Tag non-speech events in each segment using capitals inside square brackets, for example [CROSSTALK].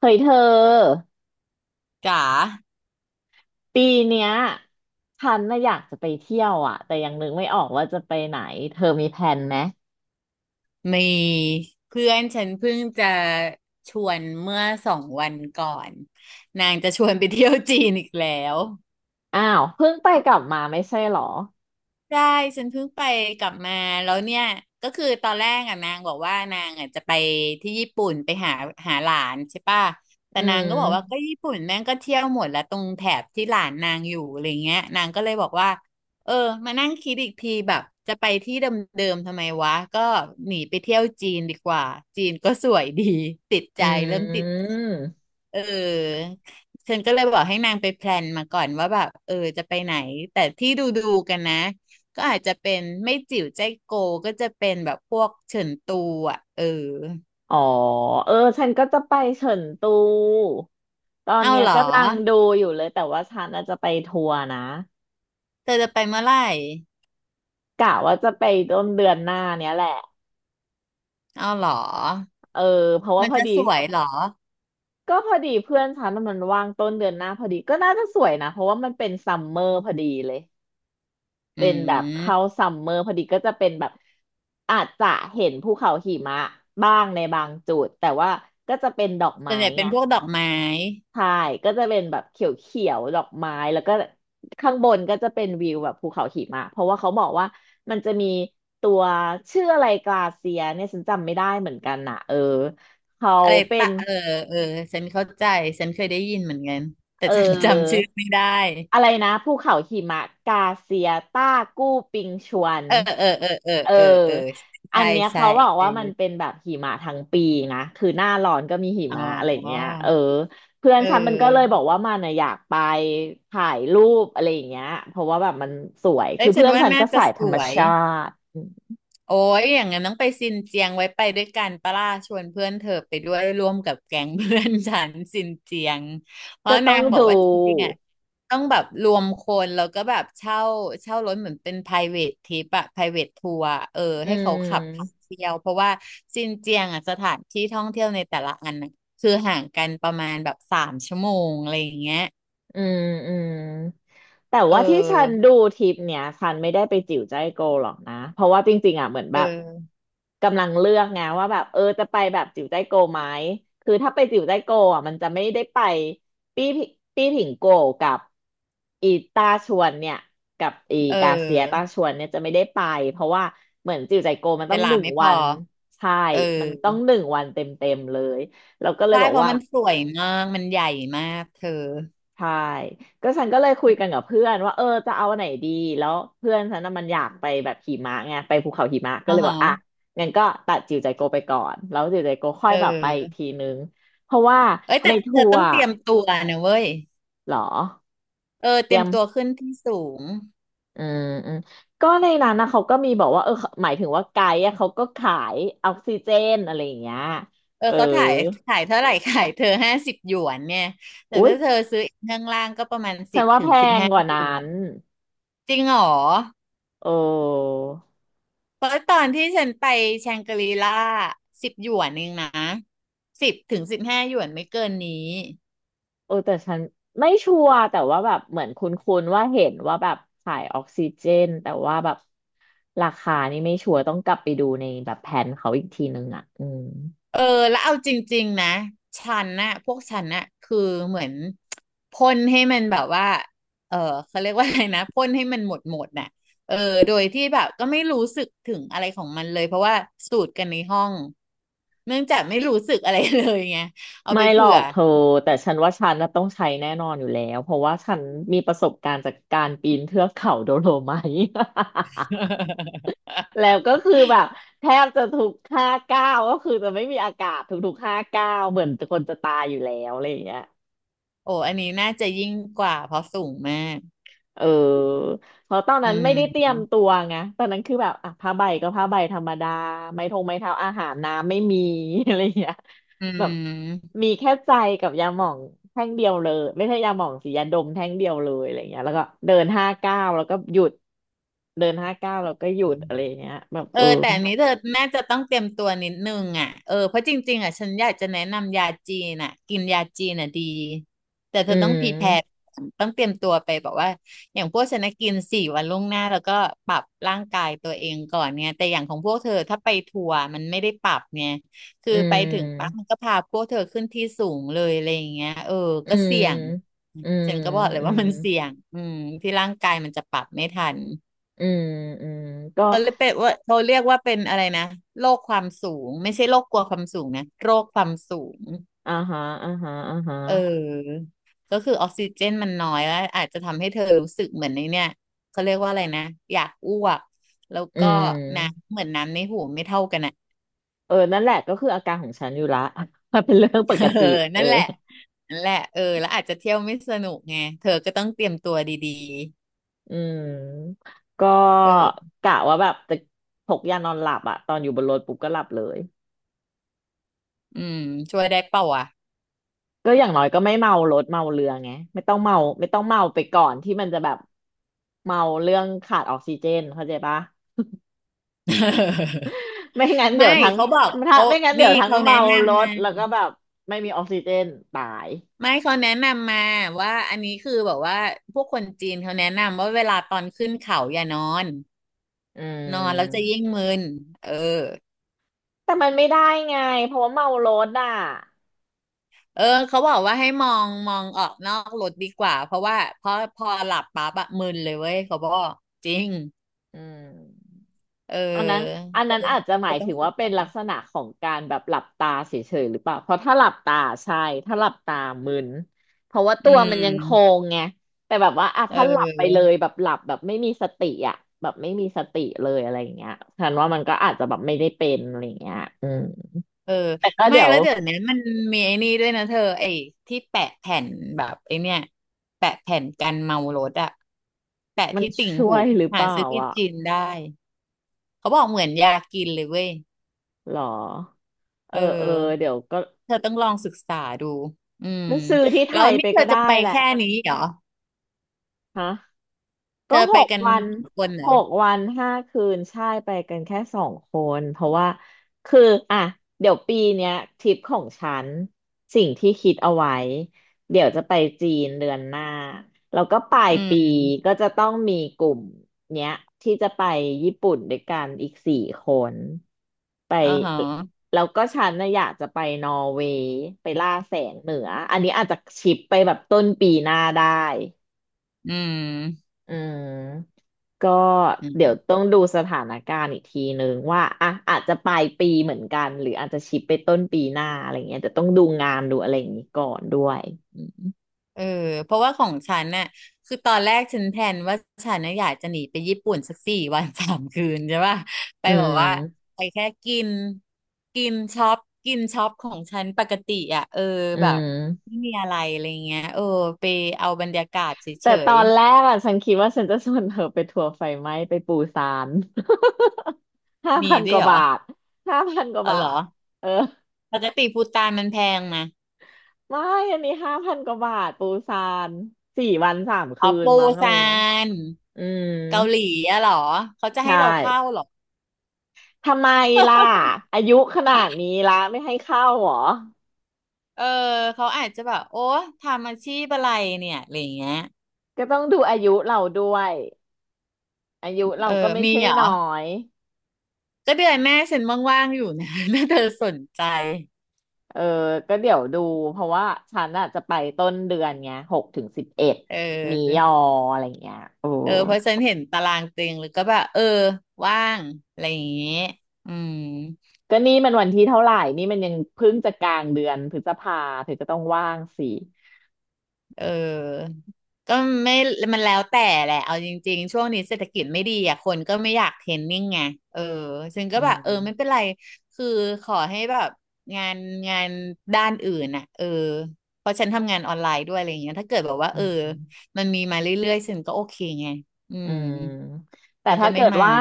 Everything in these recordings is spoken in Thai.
เฮ้ยเธอจ๋าปีเนี้ยฉันน่ะอยากจะไปเที่ยวอ่ะแต่ยังนึกไม่ออกว่าจะไปไหนเธอมีแผนไหมมีเพื่อนฉันเพิ่งจะชวนเมื่อ2 วันก่อนนางจะชวนไปเที่ยวจีนอีกแล้ว อ้าวเพิ่งไปกลับมาไม่ใช่เหรอได้ฉันเพิ่งไปกลับมาแล้วเนี่ยก็คือตอนแรกอ่ะนางบอกว่านางอ่ะจะไปที่ญี่ปุ่นไปหาหลานใช่ป่ะแต่อืนางก็บอกว่ามก็ญี่ปุ่นแม่งก็เที่ยวหมดแล้วตรงแถบที่หลานนางอยู่อะไรเงี้ยนางก็เลยบอกว่าเออมานั่งคิดอีกทีแบบจะไปที่เดิมๆทำไมวะก็หนีไปเที่ยวจีนดีกว่า จีนก็สวยดีติดอืใจเริ่มติดมเออฉันก็เลยบอกให้นางไปแพลนมาก่อนว่าแบบเออจะไปไหนแต่ที่ดูกันนะ ก็อาจจะเป็นไม่จิ๋วใจโกก็จะเป็นแบบพวกเฉินตูอ่ะเอออ๋อเออฉันก็จะไปเฉินตูตอนเอาเนี้ยเหรอกำลังดูอยู่เลยแต่ว่าฉันน่ะจะไปทัวร์นะเธอจะไปเมื่อไหร่กะว่าจะไปต้นเดือนหน้าเนี้ยแหละเอาเหรอเออเพราะว่ามันพอจะดีสวยเหรอก็พอดีเพื่อนฉันน่ะมันว่างต้นเดือนหน้าพอดีก็น่าจะสวยนะเพราะว่ามันเป็นซัมเมอร์พอดีเลย อืเป็นแบบเข้ามซัมเมอร์พอดีก็จะเป็นแบบอาจจะเห็นภูเขาหิมะบ้างในบางจุดแต่ว่าก็จะเป็นดอกส่ไม้วนใหญ่เป็ไงนพวกดอกไม้ใช่ก็จะเป็นแบบเขียวๆดอกไม้แล้วก็ข้างบนก็จะเป็นวิวแบบภูเขาหิมะเพราะว่าเขาบอกว่ามันจะมีตัวชื่ออะไรกลาเซียเนี่ยฉันจำไม่ได้เหมือนกันนะเออเขาอะไรเป็น ปะเออเออฉันเข้าใจฉันเคยได้ยินเหมือนกันแต่เอฉันจำอชื่อไม่ได้อะไรนะภูเขาหิมะกาเซียต้ากู้ปิงชวนเออเออเออเออเออเออเอออัใช่นเนี้ยใช่เขาบอกเออว่ามันเป็นแบบหิมะทั้งปีนะคือหน้าร้อนก็มีหิอ๋มะอะไรออย่างเงี้ยเออเพื่อนเฉันมันก็เลยบอออกว่ามันน่ะอยากไปถ่ายรูปอะไรอย่างเงี้ยเพราะว่าแบบมันสวยเอ้คืยอฉัเพื่นอนว่าฉันน่าก็จะสายธสรรมวย ชาติโอ้ยอย่างนั้นต้องไปซินเจียงไว้ไปด้วยกันปะล่าชวนเพื่อนเธอไปด้วยร่วมกับแก๊งเพื่อนฉันซินเจียง เพราะก็ต้นาองงบอกดูว่าจริงๆอ่ะต้องแบบรวมคนแล้วก็แบบเช่ารถเหมือนเป็น private trip อะ private tour อะเอออืให้เขาขับพาม เที่ยวเพราะว่าซินเจียงอ่ะสถานที่ท่องเที่ยวในแต่ละอันน่ะคือห่างกันประมาณแบบ3 ชั่วโมงอะไรอย่างเงี้ยอืมอืมแต่เอว่าที่ฉันอดูทริปเนี้ยฉันไม่ได้ไปจิ๋วใจายโกวหรอกนะเพราะว่าจริงๆอ่ะเหมือนเแบบออกำลังเลือกไงว่าแบบเออจะไปแบบจิ๋วใจายโกวไหมคือถ้าไปจิ๋วใจายโกวอ่ะมันจะไม่ได้ไปปี้ผิปี้ผิงโกวกับอีตาชวนเนี่ยกับอีเกาเซียตาออชวนเนี่ยจะไม่ได้ไปเพราะว่าเหมือนจิ๋วใจายโกวมันเวต้องลาหนึ่งไม่พวัอนใช่เออ มันต้องหนึ่งวันเต็มๆเลยเราก็เลยใช่บอกเพราะว่า มันสวยมากมันใหญ่มากเธอใช่ก็ฉันก็เลยคุยกันกับเพื่อนว่าเออจะเอาอันไหนดีแล้วเพื่อนฉันน่ะมันอยากไปแบบหิมะไงไปภูเขาหิมะก็อ๋อเลยบอฮะกอ่ะงั้นก็ตัดจิวใจโกไปก่อนแล้วจิวใจโกค่อเยแบบไปอีกออทีนึงเพราะว่าเอ้ยในแต่เธทัอวต้องร์เตรียมตัวนะเว้ยเหรอเออเตเตรีรียยมมตัวขึ้นที่สูงอืมอืมก็ในนั้นนะเขาก็มีบอกว่าเออหมายถึงว่าไกด์อะเขาก็ขายออกซิเจนอะไรอย่างเงี้ยเออเออเขาถ่ายขายเท่าไหร่ [LAUGHS] ขายเธอ50 หยวนเนี่ยแต่อุ๊ยถ้าเธอซื้อข้างล่างก็ประมาณสิฉันบว่าถึแพงสิบงห้ากว่านั้หยวนนจริงเหรอโอ้ เพราะตอนที่ฉันไปแชงกรีล่าสิบหยวนเองนะสิบถึงสิบห้าหยวนไม่เกินนี้ เออแต่ฉันไม่ชัวร์แต่ว่าแบบเหมือนคุ้นๆว่าเห็นว่าแบบขายออกซิเจนแต่ว่าแบบราคานี่ไม่ชัวร์ต้องกลับไปดูในแบบแผนเขาอีกทีนึงอ่ะอืมเออแล้วเอาจริงๆนะฉันน่ะพวกฉันน่ะคือเหมือนพ่นให้มันแบบว่าเออเขาเรียกว่าอะไรนะพ่นให้มันหมดหมดน่ะเออโดยที่แบบก็ไม่รู้สึกถึงอะไรของมันเลยเพราะว่าสูตรกันในห้องเนื่องจากไม่รู้สึกอะไรเลยไงเอาไม่ไปหรอเผื่อ กเธอแต่ฉันว่าฉันน่ะต้องใช้แน่นอนอยู่แล้วเพราะว่าฉันมีประสบการณ์จากการปีนเทือกเขาโดโลไมท์ [LAUGHS] แล้วก็ [LAUGHS] คือแบบแทบจะทุกห้าก้าวก็คือจะไม่มีอากาศทุกๆห้าก้าวเหมือนคนจะตายอยู่แล้วอะไรอย่างเงี้ย โอ้อันนี้น่าจะยิ่งกว่าเพราะสูงมากเออเพราะตอนอืนั้นไม่มได้เตรียมตัวไงตอนนั้นคือแบบอ่ะผ้าใบก็ผ้าใบธรรมดาไม้ทงไม้เท้าอาหารน้ำไม่มี [LAUGHS] อะไรอย่างเงี้ยอแบบืมีแค่ใจกับยาหม่องแท่งเดียวเลยไม่ใช่ยาหม่องสียาดมแท่งเดียวเลยอะไรอย่างเงี้ยแล้วก็เดินห้าเก้าวแล้วก็หยุดเดินห้าเก้าวแล้วก็หยุดม อะไรอย่างเงี้ยแบบเอเอออแต่อันนี้เธอน่าจะต้องเตรียมตัวนิดนึงอ่ะเออเพราะจริงๆอ่ะฉันอยากจะแนะนำยาจีนอ่ะกินยาจีนอ่ะดีแต่เธอือต้องพรีแพร์มต้องเตรียมตัวไปบอกว่าอย่างพวกฉันนะกินสี่วันล่วงหน้าแล้วก็ปรับร่างกายตัวเองก่อนเนี่ยแต่อย่างของพวกเธอถ้าไปทัวร์มันไม่ได้ปรับเนี่ยคืออืไปถึงปั๊บมันมก็พาพวกเธอขึ้นที่สูงเลยอะไรอย่างเงี้ยเอออืก็มเสี่ยงอืมฉันก็บอกเลยอืว่ามมันเสี่ยงอืมที่ร่างกายมันจะปรับไม่ทัน อืมอืมก็เออเป็นว่าเขาเรียกว่าเป็นอะไรนะโรคความสูงไม่ใช่โรคกลัวความสูงนะโรคความสูงอ่าฮะอ่าฮะอ่าฮะเออก็คือออกซิเจนมันน้อยแล้วอาจจะทำให้เธอรู้สึกเหมือนในเนี่ยเขาเรียกว่าอะไรนะอยากอ้วกแล้วอืก็น้ำม เหมือนน้ำในหูไม่เท่ากันอ่ะ เออนั่นแหละก็คืออาการของฉันอยู่ละ [LAUGHS] มันเป็นเรื่องปก [LAUGHS] เออติเออนั่นแหละนั่นแหละเออแล้วอาจจะเที่ยวไม่สนุกไงเธอก็ต้องเตรียมตัวดีอืมก็ๆเออกะว่าแบบจะพกยานอนหลับอะตอนอยู่บนรถปุ๊บก็หลับเลยอืมช่วยได้เปล่าวะก็อย่างน้อยก็ไม่เมารถเมาเรือไงไม่ต้องเมาไม่ต้องเมาไปก่อนที่มันจะแบบเมาเรื่องขาดออกซิเจนเข้าใจปะ [LAUGHS] ไม่งั้นเดี๋ไม่ยวทั้งเขาบอกถ้าเขาไม่งั้นเดี๋นี่ยวทั้งเขาแนะเมารนำถนะ แล้วก็แบบไม่มีออกซิเจนตายไม่เขาแนะนำมาว่าอันนี้คือแบบว่าพวกคนจีนเขาแนะนำว่าเวลาตอนขึ้นเขาอย่านอนอืนอนแล้วจะมยิ่งมึนเออแต่มันไม่ได้ไงเพราะว่าเมารถอ่ะเออเขาบอกว่าให้มองออกนอกรถดีกว่าเพราะว่าพอหลับปั๊บอะมึนเลยเว้ยเขาบอกจริงอืม เอออันนั้นอันเธอนั้นอาจจะหเธมาอยต้อถึงงฝึกว่าเป็กันนลักษณะของการแบบหลับตาเฉยๆหรือเปล่าเพราะถ้าหลับตาใช่ถ้าหลับตามึนเพราะว่าอืตัวมันยังโคมงไงแต่แบบว่าอ่ะเถ้าหลับไปเลยออ แบบหลับแบบไม่มีสติอ่ะแบบไม่มีสติเลยอะไรอย่างเงี้ยฉันว่ามันก็อาจจะแบบไม่ได้เป็นอะไรอย่างเงี้ยอืมเออแต่ก็ไม่เดี๋ยวแล้วเดี๋ยวนี้มันมีไอ้นี่ด้วยนะเธอไอ้ที่แปะแผ่นแบบไอ้เนี่ยแปะแผ่นกันเมารถอะแปะมันที่ติ่งช่วหูยหรือเปหาล่าซื้อที่อ่ะจีนได้เขาบอกเหมือนยากินเลยเว้ยหรอเอเออเอออเดี๋ยวก็เธอต้องลองศึกษาดูอืมก็ซื้อที่ไทแล้วยนี่ไปเธอก็จะได้ไปแหละแค่นี้เหรอฮะ เธก็อหไปกกันวันกี่คนเหรอห้าคืนใช่ไปกันแค่2 คนเพราะว่าคืออ่ะเดี๋ยวปีเนี้ยทริปของฉันสิ่งที่คิดเอาไว้เดี๋ยวจะไปจีนเดือนหน้าแล้วก็ปลายอืปีมก็จะต้องมีกลุ่มเนี้ยที่จะไปญี่ปุ่นด้วยกันอีก4 คนไปอ๋อฮะแล้วก็ฉันนะอยากจะไปนอร์เวย์ไปล่าแสงเหนืออันนี้อาจจะชิปไปแบบต้นปีหน้าได้ อืมอืมก็อืเดี๋ยวต้ม องดูสถานการณ์อีกทีนึงว่าอาจจะปลายปีเหมือนกันหรืออาจจะชิปไปต้นปีหน้าอะไรเงี้ยแต่ต้องดูงานดูอะไรอย่างนี้ก่อนด้วยเออเพราะว่าของฉันน่ะคือตอนแรกฉันแพลนว่าฉันน่ะอยากจะหนีไปญี่ปุ่นสัก4 วัน 3 คืนใช่ป่ะไปอืแบอกว่ามไปแค่กินกินช็อปกินช็อปของฉันปกติอ่ะเอออืแบบมไม่มีอะไรอะไรเงี้ยเออไปเอาบรรยากาศเฉแต่ตอยนแรกอ่ะฉันคิดว่าฉันจะชวนเธอไปทัวร์ไฟไหม้ไปปูซาน [LAUGHS] ห้าๆมีพันกด้วยว่าเหรบาอทห้าพันกว่าเอาเหรบาอทเออปกติภูฏานมันแพงนะไม่อันนี้ห้าพันกว่าบาทปูซานสี่วันสามอ๋คือนปูมั้งอะไรซาเงี้ยนอืมเกาหลีอะเหรอเขาจะให้ใช่ เราเข้าเหรอทำไมล่ะอายุขนาดนี้ละไม่ให้เข้าเหรอเออเขาอาจจะแบบโอ้ทำอาชีพอะไรเนี่ยอะไรอย่างเงี้ย ก็ต้องดูอายุเราด้วยอายุเอเราอ ก็ไม่มีใช่เหรอ น้อยก็เดือนแม่ฉันว่างๆอยู่นะ [LAUGHS] ถ้าเธอสนใจเออก็เดี๋ยวดูเพราะว่าฉันอ่ะจะไปต้นเดือนไง6 ถึง 11เมียออออะไรเงี้ยโอ้เออ เพราะฉันเห็นตารางเต็งหรือก็แบบเออว่างอะไรอย่างงี้อืม ก็นี่มันวันที่เท่าไหร่นี่มันยังเพิ่งจะกลางเดือนพฤษภาเธอก็ต้องว่างสิเออก็ไม่มันแล้วแต่แหละ เอาจริงๆ ช่วงนี้เศรษฐกิจไม่ดีอ่ะคนก็ไม่อยากเทรนนิ่งไงเออฉันก็อืแบบเออไม่เป็นมไร คือขอให้แบบงานงานด้านอื่นอ่ะเออเพราะฉันทำงานออนไลน์ด้วยอะไรอย่างเงี้ยถ้าเกิดแบบว่าอืเออม มันมีมาเรื่อยๆฉันก็โอเคไง อือืมมแต่ฉันถ้าก็ไม่เกิดมาว่า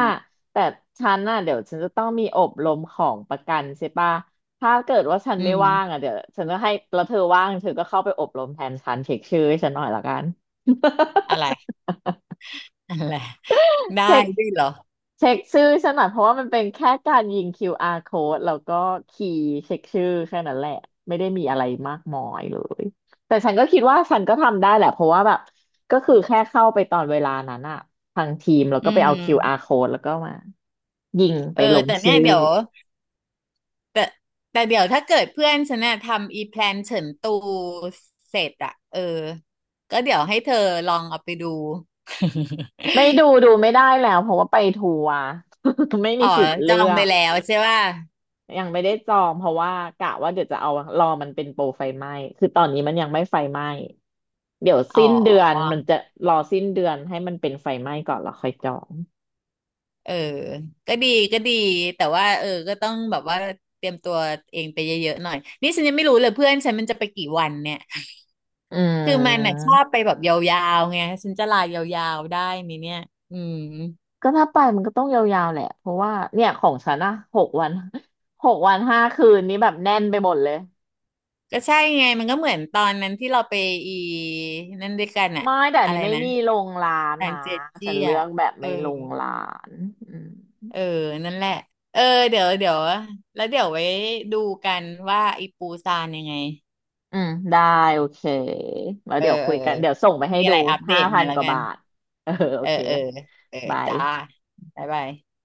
แต่ฉันน่ะเดี๋ยวฉันจะต้องมีอบรมของประกันใช่ปะถ้าเกิดว่าฉันอืไม่ว่างมอ่ะเดี๋ยวฉันจะให้แล้วเธอว่างเธอก็เข้าไปอบรมแทนฉันเช็คชื่อให้ฉันหน่อยละกัน อะไร [LAUGHS] อะไร [LAUGHS] ได้เช็คด้วยเหรอเช็คชื่อฉันหน่อยเพราะว่ามันเป็นแค่การยิง QR code แล้วก็คีย์เช็คชื่อแค่นั้นแหละไม่ได้มีอะไรมากมายเลยแต่ฉันก็คิดว่าฉันก็ทำได้แหละเพราะว่าแบบก็คือแค่เข้าไปตอนเวลานั้นอะทางทีมแล้วอืก็ไปเอา ม QR code แล้วก็มายิงไปเออลงแต่เนี่ชื่ยอเดี๋ยว แต่แต่เดี๋ยวถ้าเกิดเพื่อนฉันน่ะทำอีแพลนเฉินตูเสร็จอะเออก็เดี๋ยวให้เธอลองเอาไปดู ไม่[LAUGHS] ดูไม่ได้แล้วเพราะว่าไปทัวร์ [LAUGHS] ไม่อ๋มีอสิทธิ์จอเลืงอไปกแล้วใช่ป่ะยังไม่ได้จองเพราะว่ากะว่าเดี๋ยวจะเอารอมันเป็นโปรไฟไหม้คือตอนนี้มันยังไม่ไฟไหม้ เดี๋ยวอ๋สิ้นเดือนอมันจะรอสิ้นเดือนให้มันเป็นไฟไหม้ก่อนแล้วค่อยจองเออ ก็ดีก็ดีแต่ว่าเออก็ต้องแบบว่าเตรียมตัวเองไปเยอะๆหน่อยนี่ฉันยังไม่รู้เลยเพื่อนฉันมันจะไปกี่วันเนี่ยอืคือมันน่ะมชอบไปแบบยาวๆไงฉันจะลายาวๆได้ไหมเนี่ยอืม ก็ถ้าไปมันก็ต้องยาวๆแหละเพราะว่าเนี่ยของฉันอะหกวัน [LAUGHS] 6 วัน 5 คืนนี้แบบแน่นไปหมดเลยก็ใช่ไงมันก็เหมือนตอนนั้นที่เราไปอีนั่นด้วยกันอะไม่แต่อันอะไรนี้ไม่นะมีลงร้านทางนะเจ็ดจี้ฉันเลือะอกแบบเออไม่ลงร้านอืมเออนั่นแหละเออเดี๋ยวเดี๋ยวแล้วเดี๋ยวไว้ดูกันว่าอีปูซานยังไงอืมได้โอเคแล้วเออเดี๋ยวเอคุอยเออกันเดี๋ยวส่งไปให้มีอะดูไรอัปเดห้าตพัมานแล้กวว่ากับานทเออโอเออเคเออเออบายจ้าบ๊ายบาย